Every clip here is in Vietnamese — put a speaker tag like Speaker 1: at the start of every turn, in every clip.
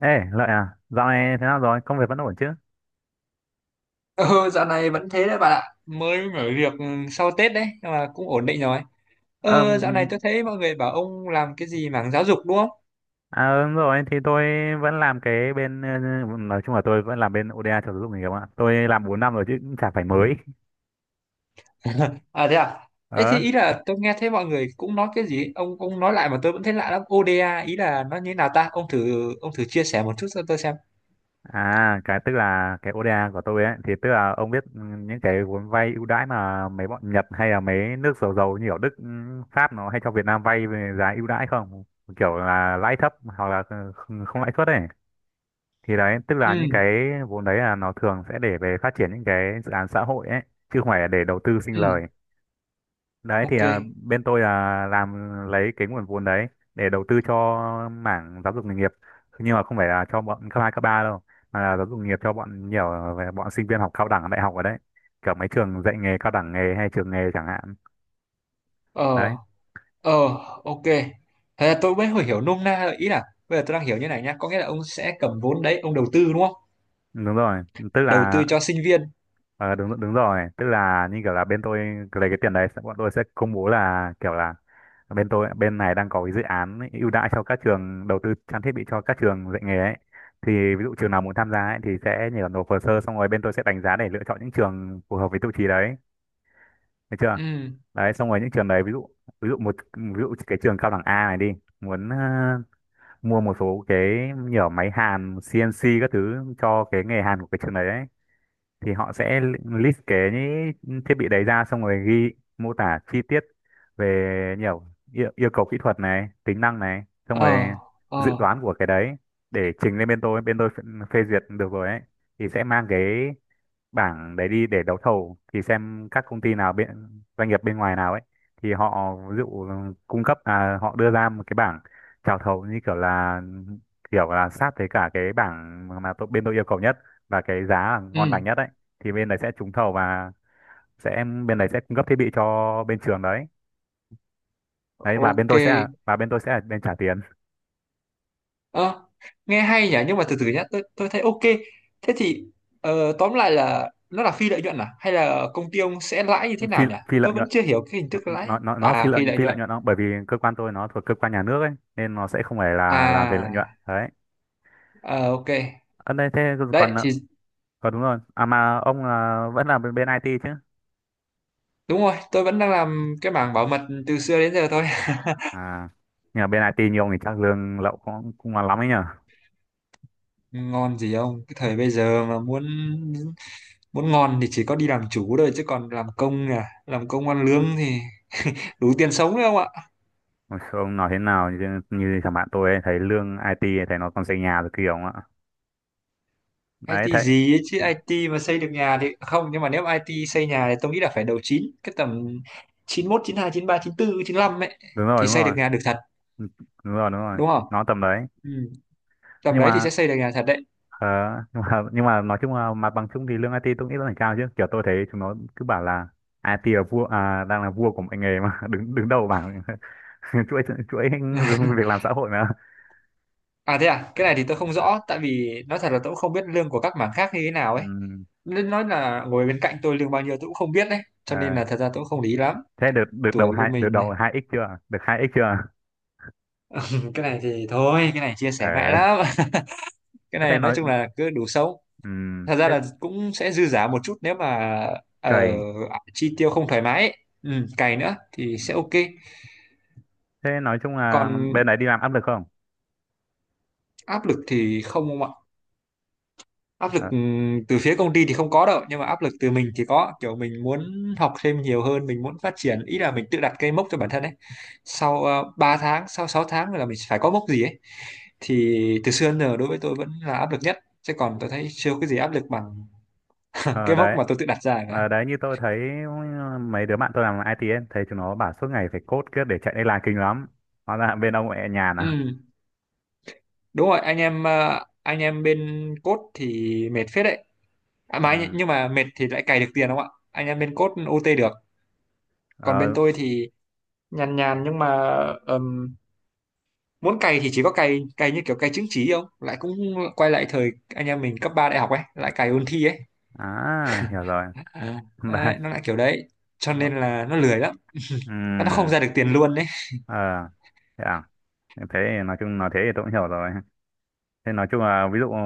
Speaker 1: Ê, Lợi à, dạo này thế nào rồi? Công việc vẫn ổn chứ?
Speaker 2: Ừ, dạo này vẫn thế đấy bạn ạ. Mới mở việc sau Tết đấy, nhưng mà cũng ổn định rồi.
Speaker 1: Ờ,
Speaker 2: Ờ, dạo này tôi thấy mọi người bảo ông làm cái gì mảng giáo dục đúng không?
Speaker 1: à, đúng rồi, thì tôi vẫn làm cái bên, ờ, nói chung là tôi vẫn làm bên ODA cho giáo dục nghề nghiệp ạ. Tôi làm 4 năm rồi chứ cũng chả phải mới.
Speaker 2: À? Thế
Speaker 1: Ờ,
Speaker 2: thì ý là tôi nghe thấy mọi người cũng nói cái gì, ông nói lại mà tôi vẫn thấy lạ lắm. ODA ý là nó như thế nào ta? Ông thử chia sẻ một chút cho tôi xem.
Speaker 1: à, cái tức là cái ODA của tôi ấy, thì tức là ông biết những cái vốn vay ưu đãi mà mấy bọn Nhật hay là mấy nước giàu giàu như ở Đức, Pháp nó hay cho Việt Nam vay về giá ưu đãi không? Kiểu là lãi thấp hoặc là không không lãi suất ấy. Thì đấy tức là
Speaker 2: Ừ,
Speaker 1: những cái vốn đấy là nó thường sẽ để về phát triển những cái dự án xã hội ấy chứ không phải là để đầu tư sinh
Speaker 2: ừ,
Speaker 1: lời. Đấy thì
Speaker 2: ok.
Speaker 1: à, bên tôi là làm lấy cái nguồn vốn đấy để đầu tư cho mảng giáo dục nghề nghiệp, nhưng mà không phải là cho bọn cấp hai cấp ba đâu, mà là giáo dục nghề nghiệp cho bọn nhiều về bọn sinh viên học cao đẳng đại học ở đấy, kiểu mấy trường dạy nghề cao đẳng nghề hay trường nghề chẳng hạn.
Speaker 2: Ờ,
Speaker 1: Đấy
Speaker 2: ờ, ok. Thế là tôi mới hiểu hiểu nôm na rồi. Ý là bây giờ tôi đang hiểu như này nhá. Có nghĩa là ông sẽ cầm vốn đấy, ông đầu tư đúng không?
Speaker 1: đúng rồi, tức
Speaker 2: Đầu
Speaker 1: là
Speaker 2: tư cho sinh viên.
Speaker 1: Ờ đúng đúng rồi, tức là như kiểu là bên tôi lấy cái tiền đấy sẽ- bọn tôi sẽ công bố là kiểu là bên tôi bên này đang có cái dự án ấy, ưu đãi cho các trường đầu tư trang thiết bị cho các trường dạy nghề ấy. Thì ví dụ trường nào muốn tham gia ấy, thì sẽ nhờ nộp hồ sơ xong rồi bên tôi sẽ đánh giá để lựa chọn những trường phù hợp với tiêu chí đấy, được chưa?
Speaker 2: Ừ.
Speaker 1: Đấy xong rồi những trường đấy ví dụ một ví dụ cái trường cao đẳng A này đi, muốn ờ, mua một số cái nhiều máy hàn CNC các thứ cho cái nghề hàn của cái trường đấy thì họ sẽ list cái những thiết bị đấy ra xong rồi ghi mô tả chi tiết về nhiều yêu cầu kỹ thuật này tính năng này, xong rồi
Speaker 2: Ờ, ờ,
Speaker 1: dự toán của cái đấy để trình lên bên tôi, bên tôi phê phê duyệt được rồi ấy thì sẽ mang cái bảng đấy đi để đấu thầu, thì xem các công ty nào bên doanh nghiệp bên ngoài nào ấy thì họ ví dụ cung cấp là họ đưa ra một cái bảng chào thầu như kiểu là sát với cả cái bảng mà tôi, bên tôi yêu cầu nhất và cái giá là ngon lành
Speaker 2: ừ,
Speaker 1: nhất ấy, thì bên đấy sẽ trúng thầu và sẽ bên đấy sẽ cung cấp thiết bị cho bên trường đấy. Đấy và bên
Speaker 2: ok.
Speaker 1: tôi sẽ là- và bên tôi sẽ là bên trả tiền.
Speaker 2: Ờ, nghe hay nhỉ, nhưng mà từ từ nhá, tôi thấy ok. Thế thì ờ, tóm lại là nó là phi lợi nhuận à hay là công ty ông sẽ lãi như thế
Speaker 1: phi
Speaker 2: nào nhỉ?
Speaker 1: phi lợi
Speaker 2: Tôi vẫn
Speaker 1: nhuận
Speaker 2: chưa hiểu cái hình
Speaker 1: nó
Speaker 2: thức
Speaker 1: nó
Speaker 2: lãi
Speaker 1: nó nó
Speaker 2: à phi lợi
Speaker 1: phi lợi
Speaker 2: nhuận
Speaker 1: nhuận không, bởi vì cơ quan tôi nó thuộc cơ quan nhà nước ấy nên nó sẽ không phải là làm về lợi nhuận
Speaker 2: à?
Speaker 1: đấy.
Speaker 2: Ờ, ok.
Speaker 1: Ở đây thế còn
Speaker 2: Đấy thì
Speaker 1: còn đúng rồi, à mà ông là vẫn là bên, bên IT chứ?
Speaker 2: đúng rồi, tôi vẫn đang làm cái mảng bảo mật từ xưa đến giờ thôi.
Speaker 1: À nhờ bên IT nhiều thì chắc lương lậu cũng cũng là lắm ấy nhờ.
Speaker 2: Ngon gì ông, cái thời bây giờ mà muốn muốn ngon thì chỉ có đi làm chủ thôi, chứ còn làm công à làm công ăn lương thì đủ tiền sống đấy ông ạ.
Speaker 1: Ôi, ông nói thế nào như, như thằng bạn tôi ấy, thấy lương IT ấy, thấy nó còn xây nhà rồi kiểu ạ. Đấy
Speaker 2: IT
Speaker 1: thấy
Speaker 2: gì ấy chứ, IT mà xây được nhà thì không, nhưng mà nếu IT xây nhà thì tôi nghĩ là phải đầu 9 cái tầm chín chín chín mốt hai chín ba chín 93, chín 95 ấy
Speaker 1: đúng rồi
Speaker 2: thì
Speaker 1: đúng
Speaker 2: xây được
Speaker 1: rồi
Speaker 2: nhà được thật,
Speaker 1: đúng rồi đúng rồi
Speaker 2: đúng không?
Speaker 1: nó tầm đấy.
Speaker 2: Ừ. Tầm
Speaker 1: Nhưng
Speaker 2: đấy thì
Speaker 1: mà
Speaker 2: sẽ xây được nhà thật đấy.
Speaker 1: ờ, nhưng mà nói chung là mặt bằng chung thì lương IT tôi nghĩ là phải cao chứ, kiểu tôi thấy chúng nó cứ bảo là IT là vua à, đang là vua của mọi nghề mà đứng đứng đầu bảng chuỗi chuỗi việc làm xã hội mà.
Speaker 2: À thế à, cái này thì tôi không rõ, tại vì nói thật là tôi cũng không biết lương của các mảng khác như thế nào ấy.
Speaker 1: Ừ,
Speaker 2: Nên nói là ngồi bên cạnh tôi lương bao nhiêu tôi cũng không biết đấy, cho nên
Speaker 1: ờ.
Speaker 2: là thật ra tôi cũng không lý lắm.
Speaker 1: Thế được được đầu
Speaker 2: Tuổi của
Speaker 1: hai,
Speaker 2: mình
Speaker 1: đầu hai x chưa? Được hai x chưa?
Speaker 2: cái này thì thôi, cái này chia sẻ ngại
Speaker 1: Ờ.
Speaker 2: lắm. Cái
Speaker 1: Thế
Speaker 2: này nói
Speaker 1: nói
Speaker 2: chung là cứ đủ sống.
Speaker 1: ừ
Speaker 2: Thật ra
Speaker 1: thế
Speaker 2: là cũng sẽ dư giả một chút nếu mà ờ,
Speaker 1: cày.
Speaker 2: chi tiêu không thoải mái ấy. Ừ, cày nữa thì sẽ ok.
Speaker 1: Thế nói chung là
Speaker 2: Còn
Speaker 1: bên đấy đi làm áp lực không?
Speaker 2: áp lực thì không ông ạ, áp lực
Speaker 1: Ờ,
Speaker 2: từ phía công ty thì không có đâu, nhưng mà áp lực từ mình thì có, kiểu mình muốn học thêm nhiều hơn, mình muốn phát triển, ý là mình tự đặt cây mốc cho bản thân ấy. Sau 3 tháng, sau 6 tháng là mình phải có mốc gì ấy, thì từ xưa đến giờ đối với tôi vẫn là áp lực nhất, chứ còn tôi thấy chưa có cái gì áp lực bằng
Speaker 1: ờ,
Speaker 2: cái mốc
Speaker 1: đấy.
Speaker 2: mà tôi tự đặt ra cả.
Speaker 1: Ờ, đấy như tôi thấy mấy đứa bạn tôi làm IT ấy, thấy chúng nó bảo suốt ngày phải code kiếp để chạy deadline kinh lắm. Hóa ra bên ông mẹ nhàn à?
Speaker 2: Ừ. Đúng rồi, anh em anh em bên code thì mệt phết đấy. À, mà anh,
Speaker 1: Ừ.
Speaker 2: nhưng mà mệt thì lại cày được tiền đúng không ạ, anh em bên code OT được. Còn bên
Speaker 1: Ờ,
Speaker 2: tôi thì nhàn nhàn, nhưng mà ừm, muốn cày thì chỉ có cày cày như kiểu cày chứng chỉ không, lại cũng quay lại thời anh em mình cấp 3 đại học ấy, lại cày ôn thi ấy.
Speaker 1: à hiểu rồi.
Speaker 2: À.
Speaker 1: Đấy.
Speaker 2: Đấy, nó lại kiểu đấy, cho
Speaker 1: Ừ.
Speaker 2: nên là nó lười lắm, nó không ra được tiền luôn đấy.
Speaker 1: Ờ. Thế à? Thế thì nói chung nói thế thì tôi cũng hiểu rồi. Thế nói chung là ví dụ ờ,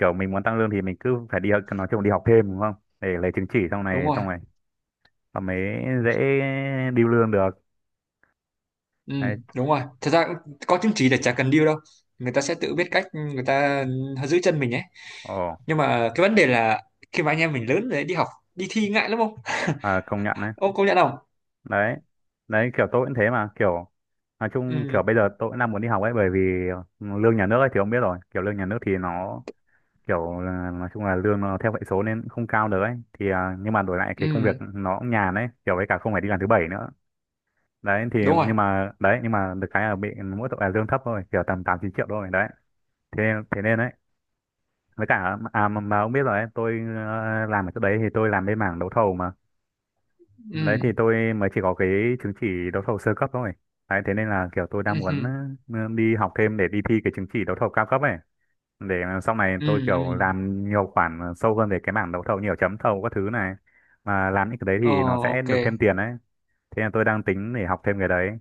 Speaker 1: kiểu mình muốn tăng lương thì mình cứ phải đi học- nói chung là đi học thêm đúng không? Để lấy chứng chỉ
Speaker 2: Đúng rồi.
Speaker 1: xong này và mới dễ điêu lương được.
Speaker 2: Ừ,
Speaker 1: Đấy.
Speaker 2: đúng rồi. Thật ra cũng có chứng chỉ là chả cần deal đâu. Người ta sẽ tự biết cách người ta giữ chân mình ấy.
Speaker 1: Ồ,
Speaker 2: Nhưng mà cái vấn đề là khi mà anh em mình lớn rồi đi học, đi thi ngại lắm không?
Speaker 1: à, công nhận đấy.
Speaker 2: Ông công nhận không?
Speaker 1: Đấy. Đấy kiểu tôi cũng thế mà, kiểu nói chung kiểu
Speaker 2: Ừ,
Speaker 1: bây giờ tôi cũng đang muốn đi học ấy, bởi vì lương nhà nước ấy thì ông biết rồi, kiểu lương nhà nước thì nó kiểu là- nói chung là lương nó theo hệ số nên cũng không cao được ấy. Thì à, nhưng mà đổi lại cái công việc
Speaker 2: ừ,
Speaker 1: nó cũng nhàn ấy, kiểu với cả không phải đi làm thứ bảy nữa. Đấy thì
Speaker 2: đúng rồi.
Speaker 1: nhưng mà đấy nhưng mà được cái là bị mỗi tội là lương thấp thôi, kiểu tầm tám chín triệu thôi đấy, thế thế nên đấy với cả à mà ông biết rồi đấy, tôi ờ, làm ở chỗ đấy thì tôi làm bên mảng đấu thầu mà. Đấy thì
Speaker 2: Ừ,
Speaker 1: tôi mới chỉ có cái chứng chỉ đấu thầu sơ cấp thôi. Đấy thế nên là kiểu tôi
Speaker 2: ừ,
Speaker 1: đang
Speaker 2: ừ,
Speaker 1: muốn ờ, đi học thêm để đi thi cái chứng chỉ đấu thầu cao cấp ấy, để sau này
Speaker 2: ừ.
Speaker 1: tôi kiểu
Speaker 2: Ừ.
Speaker 1: làm nhiều khoản sâu hơn về cái mảng đấu thầu, nhiều chấm thầu các thứ này, mà làm những cái đấy
Speaker 2: Ờ,
Speaker 1: thì nó sẽ
Speaker 2: ok.
Speaker 1: được thêm tiền đấy. Thế là tôi đang tính để học thêm cái đấy.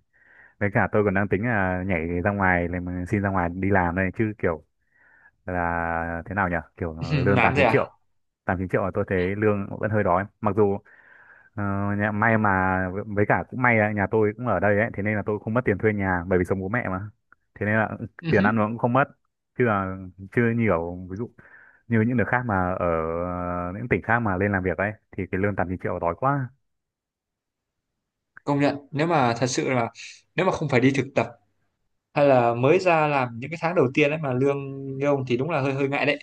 Speaker 1: Với cả tôi còn đang tính là nhảy ra ngoài làm- xin ra ngoài đi làm đây chứ kiểu là thế nào nhỉ? Kiểu lương
Speaker 2: Nản
Speaker 1: 8
Speaker 2: rồi
Speaker 1: 9
Speaker 2: à?
Speaker 1: triệu. 8 9 triệu là tôi thấy lương vẫn hơi đói. Mặc dù ờ, nhà, may mà với cả cũng may là nhà tôi cũng ở đây ấy, thế nên là tôi không mất tiền thuê nhà bởi vì sống bố mẹ mà. Thế nên là tiền ăn
Speaker 2: Ừ,
Speaker 1: uống cũng không mất. Chứ là chưa nhiều ví dụ như những nước khác mà ở những tỉnh khác mà lên làm việc ấy thì cái lương 8 9 triệu đói quá.
Speaker 2: công nhận. Nếu mà thật sự là nếu mà không phải đi thực tập hay là mới ra làm những cái tháng đầu tiên ấy mà lương như ông thì đúng là hơi hơi ngại đấy.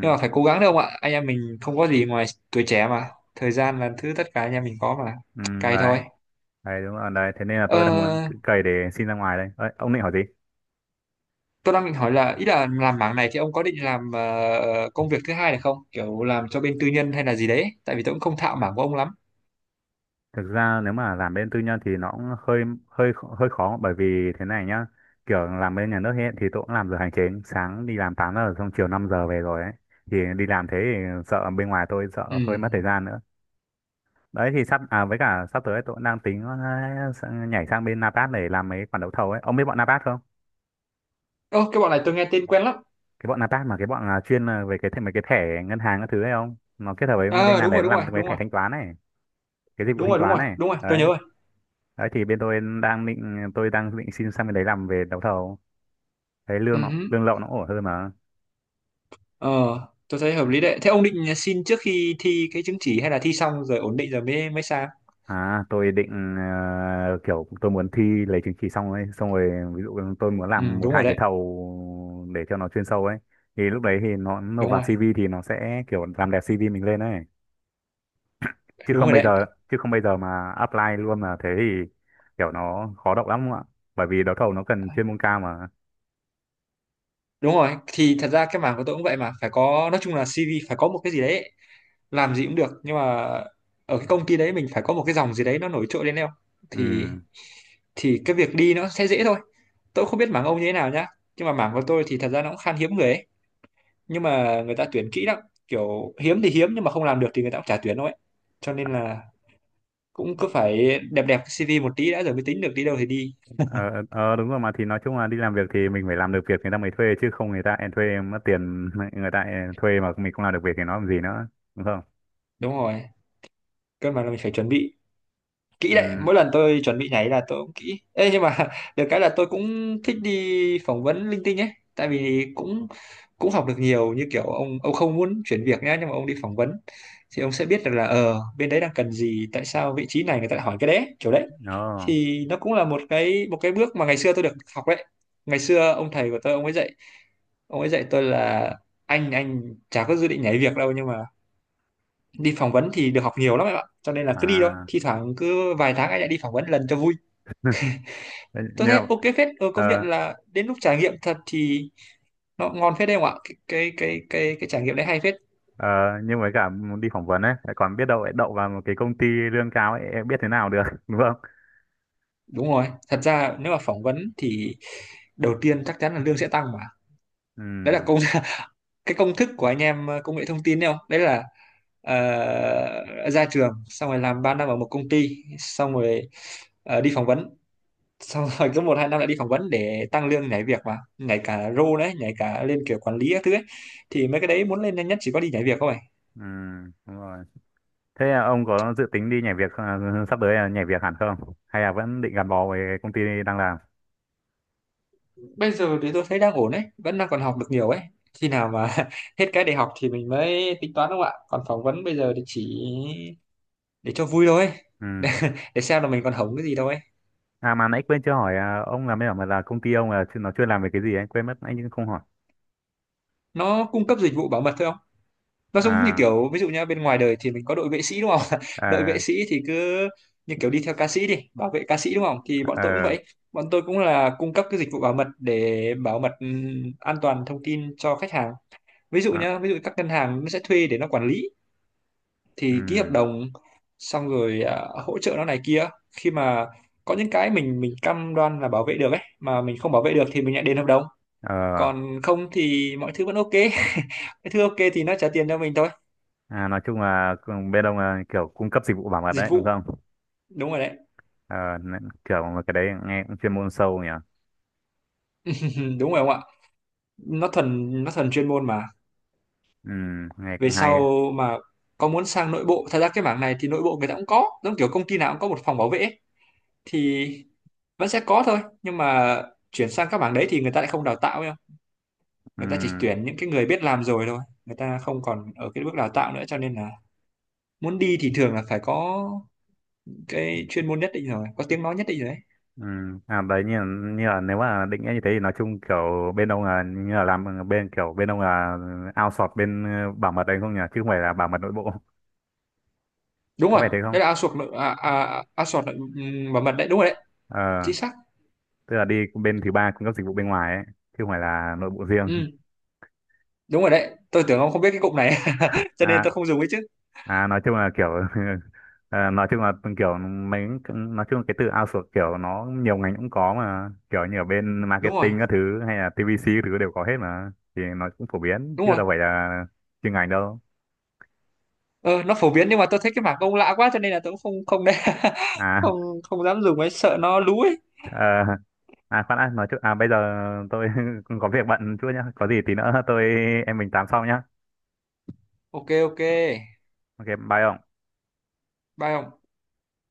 Speaker 2: Nhưng mà phải cố gắng được không ạ, anh em mình không có gì ngoài tuổi trẻ mà, thời gian là thứ tất cả anh em mình có mà,
Speaker 1: ừ,
Speaker 2: cày
Speaker 1: đấy.
Speaker 2: thôi.
Speaker 1: Đấy đúng rồi, đấy thế nên là tôi đang muốn
Speaker 2: Ờ,
Speaker 1: cày để xin ra ngoài đây. Ơi, ông định hỏi gì?
Speaker 2: tôi đang định hỏi là ý là làm mảng này thì ông có định làm công việc thứ hai này không, kiểu làm cho bên tư nhân hay là gì đấy, tại vì tôi cũng không thạo mảng của ông lắm.
Speaker 1: Thực ra nếu mà làm bên tư nhân thì nó cũng hơi hơi hơi khó, bởi vì thế này nhá. Kiểu làm bên nhà nước hiện thì tôi cũng làm giờ hành chính, sáng đi làm 8 giờ xong chiều 5 giờ về rồi ấy. Thì đi làm thế thì sợ bên ngoài tôi
Speaker 2: Ừ.
Speaker 1: sợ hơi mất thời gian nữa. Đấy thì sắp à với cả sắp tới tôi cũng đang tính ờ, sang- nhảy sang bên Napat để làm mấy khoản đấu thầu ấy. Ông biết bọn Napat không?
Speaker 2: Ơ, cái bọn này tôi nghe tên quen lắm.
Speaker 1: Cái bọn Napat mà cái bọn à, chuyên à, về cái thẻ- mấy cái thẻ ngân hàng các thứ ấy không? Nó kết hợp với bên
Speaker 2: Ờ,
Speaker 1: ngành
Speaker 2: đúng
Speaker 1: đấy
Speaker 2: rồi
Speaker 1: nó
Speaker 2: đúng
Speaker 1: làm
Speaker 2: rồi
Speaker 1: mấy
Speaker 2: đúng
Speaker 1: thẻ
Speaker 2: rồi
Speaker 1: thanh toán ấy. Cái dịch vụ
Speaker 2: đúng
Speaker 1: thanh
Speaker 2: rồi đúng
Speaker 1: toán
Speaker 2: rồi
Speaker 1: này
Speaker 2: đúng rồi tôi nhớ
Speaker 1: đấy,
Speaker 2: rồi.
Speaker 1: đấy thì bên tôi đang định xin sang bên đấy làm về đấu thầu, thấy
Speaker 2: Ừ
Speaker 1: lương nó
Speaker 2: hứ.
Speaker 1: lương lậu nó ổn hơn mà.
Speaker 2: Ờ, tôi thấy hợp lý đấy. Thế ông định xin trước khi thi cái chứng chỉ hay là thi xong rồi ổn định rồi mới mới sang?
Speaker 1: À tôi định ờ, kiểu tôi muốn thi lấy chứng chỉ xong ấy, xong rồi ví dụ tôi muốn
Speaker 2: Ừ,
Speaker 1: làm một
Speaker 2: đúng rồi
Speaker 1: hai cái
Speaker 2: đấy.
Speaker 1: thầu để cho nó chuyên sâu ấy, thì lúc đấy thì nó nộp
Speaker 2: Đúng
Speaker 1: vào
Speaker 2: rồi.
Speaker 1: CV thì nó sẽ kiểu làm đẹp CV mình lên ấy. Chứ
Speaker 2: Đúng
Speaker 1: không
Speaker 2: rồi
Speaker 1: bây
Speaker 2: đấy.
Speaker 1: giờ mà apply luôn là thế thì kiểu nó khó đậu lắm ạ, bởi vì đấu thầu nó cần chuyên môn cao mà.
Speaker 2: Đúng rồi thì thật ra cái mảng của tôi cũng vậy mà, phải có, nói chung là CV phải có một cái gì đấy. Làm gì cũng được, nhưng mà ở cái công ty đấy mình phải có một cái dòng gì đấy nó nổi trội lên đâu,
Speaker 1: Ừ
Speaker 2: thì cái việc đi nó sẽ dễ thôi. Tôi không biết mảng ông như thế nào nhá, nhưng mà mảng của tôi thì thật ra nó cũng khan hiếm người ấy, nhưng mà người ta tuyển kỹ lắm, kiểu hiếm thì hiếm nhưng mà không làm được thì người ta cũng chả tuyển đâu ấy, cho nên là cũng cứ phải đẹp đẹp cái CV một tí đã rồi mới tính được đi đâu thì đi.
Speaker 1: ờ ờ, đúng rồi mà thì nói chung là đi làm việc thì mình phải làm được việc người ta mới thuê, chứ không người ta em thuê em mất tiền người ta thuê mà mình không làm được việc thì nó làm gì nữa, đúng không?
Speaker 2: Đúng rồi. Cơ mà là mình phải chuẩn bị kỹ đấy,
Speaker 1: Ừ
Speaker 2: mỗi lần tôi chuẩn bị nhảy là tôi cũng kỹ. Ê, nhưng mà được cái là tôi cũng thích đi phỏng vấn linh tinh ấy, tại vì cũng cũng học được nhiều, như kiểu ông không muốn chuyển việc nhá, nhưng mà ông đi phỏng vấn thì ông sẽ biết được là ờ bên đấy đang cần gì, tại sao vị trí này người ta lại hỏi cái đấy kiểu đấy,
Speaker 1: đó
Speaker 2: thì nó cũng là một cái bước mà ngày xưa tôi được học đấy. Ngày xưa ông thầy của tôi ông ấy dạy, ông ấy dạy tôi là anh chả có dự định nhảy việc đâu, nhưng mà đi phỏng vấn thì được học nhiều lắm em ạ, cho nên là cứ đi thôi,
Speaker 1: à
Speaker 2: thi thoảng cứ vài tháng anh lại đi phỏng vấn lần cho vui.
Speaker 1: thế
Speaker 2: Tôi
Speaker 1: nhưng
Speaker 2: thấy
Speaker 1: mà-
Speaker 2: ok phết. Ừ,
Speaker 1: ờ
Speaker 2: công nhận là đến lúc trải nghiệm thật thì nó ngon phết đấy không ạ, cái cái trải nghiệm đấy hay phết.
Speaker 1: ờ nhưng với cả đi phỏng vấn ấy lại còn biết đâu lại đậu vào một cái công ty lương cao ấy, em biết thế nào được đúng không?
Speaker 2: Đúng rồi, thật ra nếu mà phỏng vấn thì đầu tiên chắc chắn là lương sẽ tăng mà.
Speaker 1: Ừ
Speaker 2: Đấy là công cái công thức của anh em công nghệ thông tin đấy không, đấy là ra trường xong rồi làm 3 năm ở một công ty, xong rồi đi phỏng vấn, xong rồi cứ một hai năm lại đi phỏng vấn để tăng lương, nhảy việc mà, nhảy cả role đấy, nhảy cả lên kiểu quản lý các thứ ấy, thì mấy cái đấy muốn lên nhanh nhất chỉ có đi nhảy việc thôi.
Speaker 1: ừ đúng rồi. Thế là ông có dự tính đi nhảy việc ờ, sắp tới là nhảy việc hẳn không, hay là vẫn định gắn bó với công ty đang làm?
Speaker 2: Bây giờ thì tôi thấy đang ổn đấy, vẫn đang còn học được nhiều ấy, khi nào mà hết cái để học thì mình mới tính toán đúng không ạ, còn phỏng vấn bây giờ thì chỉ để cho vui thôi
Speaker 1: Ừ.
Speaker 2: để, để xem là mình còn hổng cái gì đâu ấy.
Speaker 1: À mà nãy quên chưa hỏi à, ông làm bên ở mà là công ty ông là chuyên- nó chuyên làm về cái gì anh quên mất anh không hỏi.
Speaker 2: Nó cung cấp dịch vụ bảo mật thôi. Nó giống như
Speaker 1: À
Speaker 2: kiểu ví dụ nhá, bên ngoài đời thì mình có đội vệ sĩ đúng không, đội vệ
Speaker 1: à
Speaker 2: sĩ thì cứ như kiểu đi theo ca sĩ, đi bảo vệ ca sĩ đúng không, thì bọn tôi cũng
Speaker 1: à,
Speaker 2: vậy, bọn tôi cũng là cung cấp cái dịch vụ bảo mật để bảo mật an toàn thông tin cho khách hàng. Ví dụ
Speaker 1: à,
Speaker 2: nhá, ví dụ các ngân hàng nó sẽ thuê để nó quản lý, thì ký hợp
Speaker 1: ừm,
Speaker 2: đồng xong rồi à, hỗ trợ nó này kia, khi mà có những cái mình cam đoan là bảo vệ được ấy mà mình không bảo vệ được thì mình lại đền hợp đồng,
Speaker 1: ờ,
Speaker 2: còn không thì mọi thứ vẫn ok. Cái thứ ok thì nó trả tiền cho mình thôi.
Speaker 1: nói chung là cùng- bên ông là kiểu cung cấp dịch vụ bảo mật
Speaker 2: Dịch
Speaker 1: đấy đúng
Speaker 2: vụ,
Speaker 1: không?
Speaker 2: đúng rồi đấy.
Speaker 1: Ờ, n- kiểu mà cái đấy nghe cũng chuyên môn sâu nhỉ.
Speaker 2: Đúng rồi ông ạ, nó thuần chuyên môn mà.
Speaker 1: Nghe
Speaker 2: Về
Speaker 1: cũng hay.
Speaker 2: sau
Speaker 1: Đấy.
Speaker 2: mà có muốn sang nội bộ, thật ra cái mảng này thì nội bộ người ta cũng có, giống kiểu công ty nào cũng có một phòng bảo vệ ấy. Thì vẫn sẽ có thôi, nhưng mà chuyển sang các mảng đấy thì người ta lại không đào tạo đâu, người ta chỉ
Speaker 1: Ừm,
Speaker 2: tuyển những cái người biết làm rồi thôi, người ta không còn ở cái bước đào tạo nữa, cho nên là muốn đi thì thường là phải có cái chuyên môn nhất định rồi, có tiếng nói nhất định rồi đấy.
Speaker 1: À đấy như là nếu mà định nghĩa như thế thì nói chung kiểu bên ông là như là làm bên kiểu bên ông là outsource bên ờ, bảo mật đấy không nhỉ, chứ không phải là bảo mật nội bộ.
Speaker 2: Đúng
Speaker 1: Có
Speaker 2: rồi.
Speaker 1: phải thế không?
Speaker 2: Đấy là outsource nội outsource nội, bảo mật đấy, đúng rồi đấy,
Speaker 1: Ờ
Speaker 2: chính xác.
Speaker 1: tức là đi bên thứ ba cung cấp dịch vụ bên ngoài ấy chứ không phải là nội bộ riêng.
Speaker 2: Ừ, đúng rồi đấy, tôi tưởng ông không biết cái cụm này cho nên
Speaker 1: À,
Speaker 2: tôi không dùng ấy chứ.
Speaker 1: à nói chung là kiểu à, nói chung là kiểu mấy nói chung là cái từ outsource kiểu nó nhiều ngành cũng có, mà kiểu như ở bên
Speaker 2: Đúng rồi,
Speaker 1: marketing các thứ hay là TVC các thứ đều có hết mà, thì nó cũng phổ biến
Speaker 2: đúng
Speaker 1: chứ
Speaker 2: rồi.
Speaker 1: đâu phải là chuyên ngành đâu.
Speaker 2: Ờ, nó phổ biến nhưng mà tôi thấy cái mảng ông lạ quá, cho nên là tôi cũng không không đấy.
Speaker 1: À
Speaker 2: không không dám dùng ấy, sợ nó lú ấy.
Speaker 1: à, à khoan đã, nói chung à bây giờ tôi cũng có việc bận chút nhá, có gì tí nữa tôi em mình tám sau nhá.
Speaker 2: Ok ok,
Speaker 1: Ok bye ông.
Speaker 2: bye ông.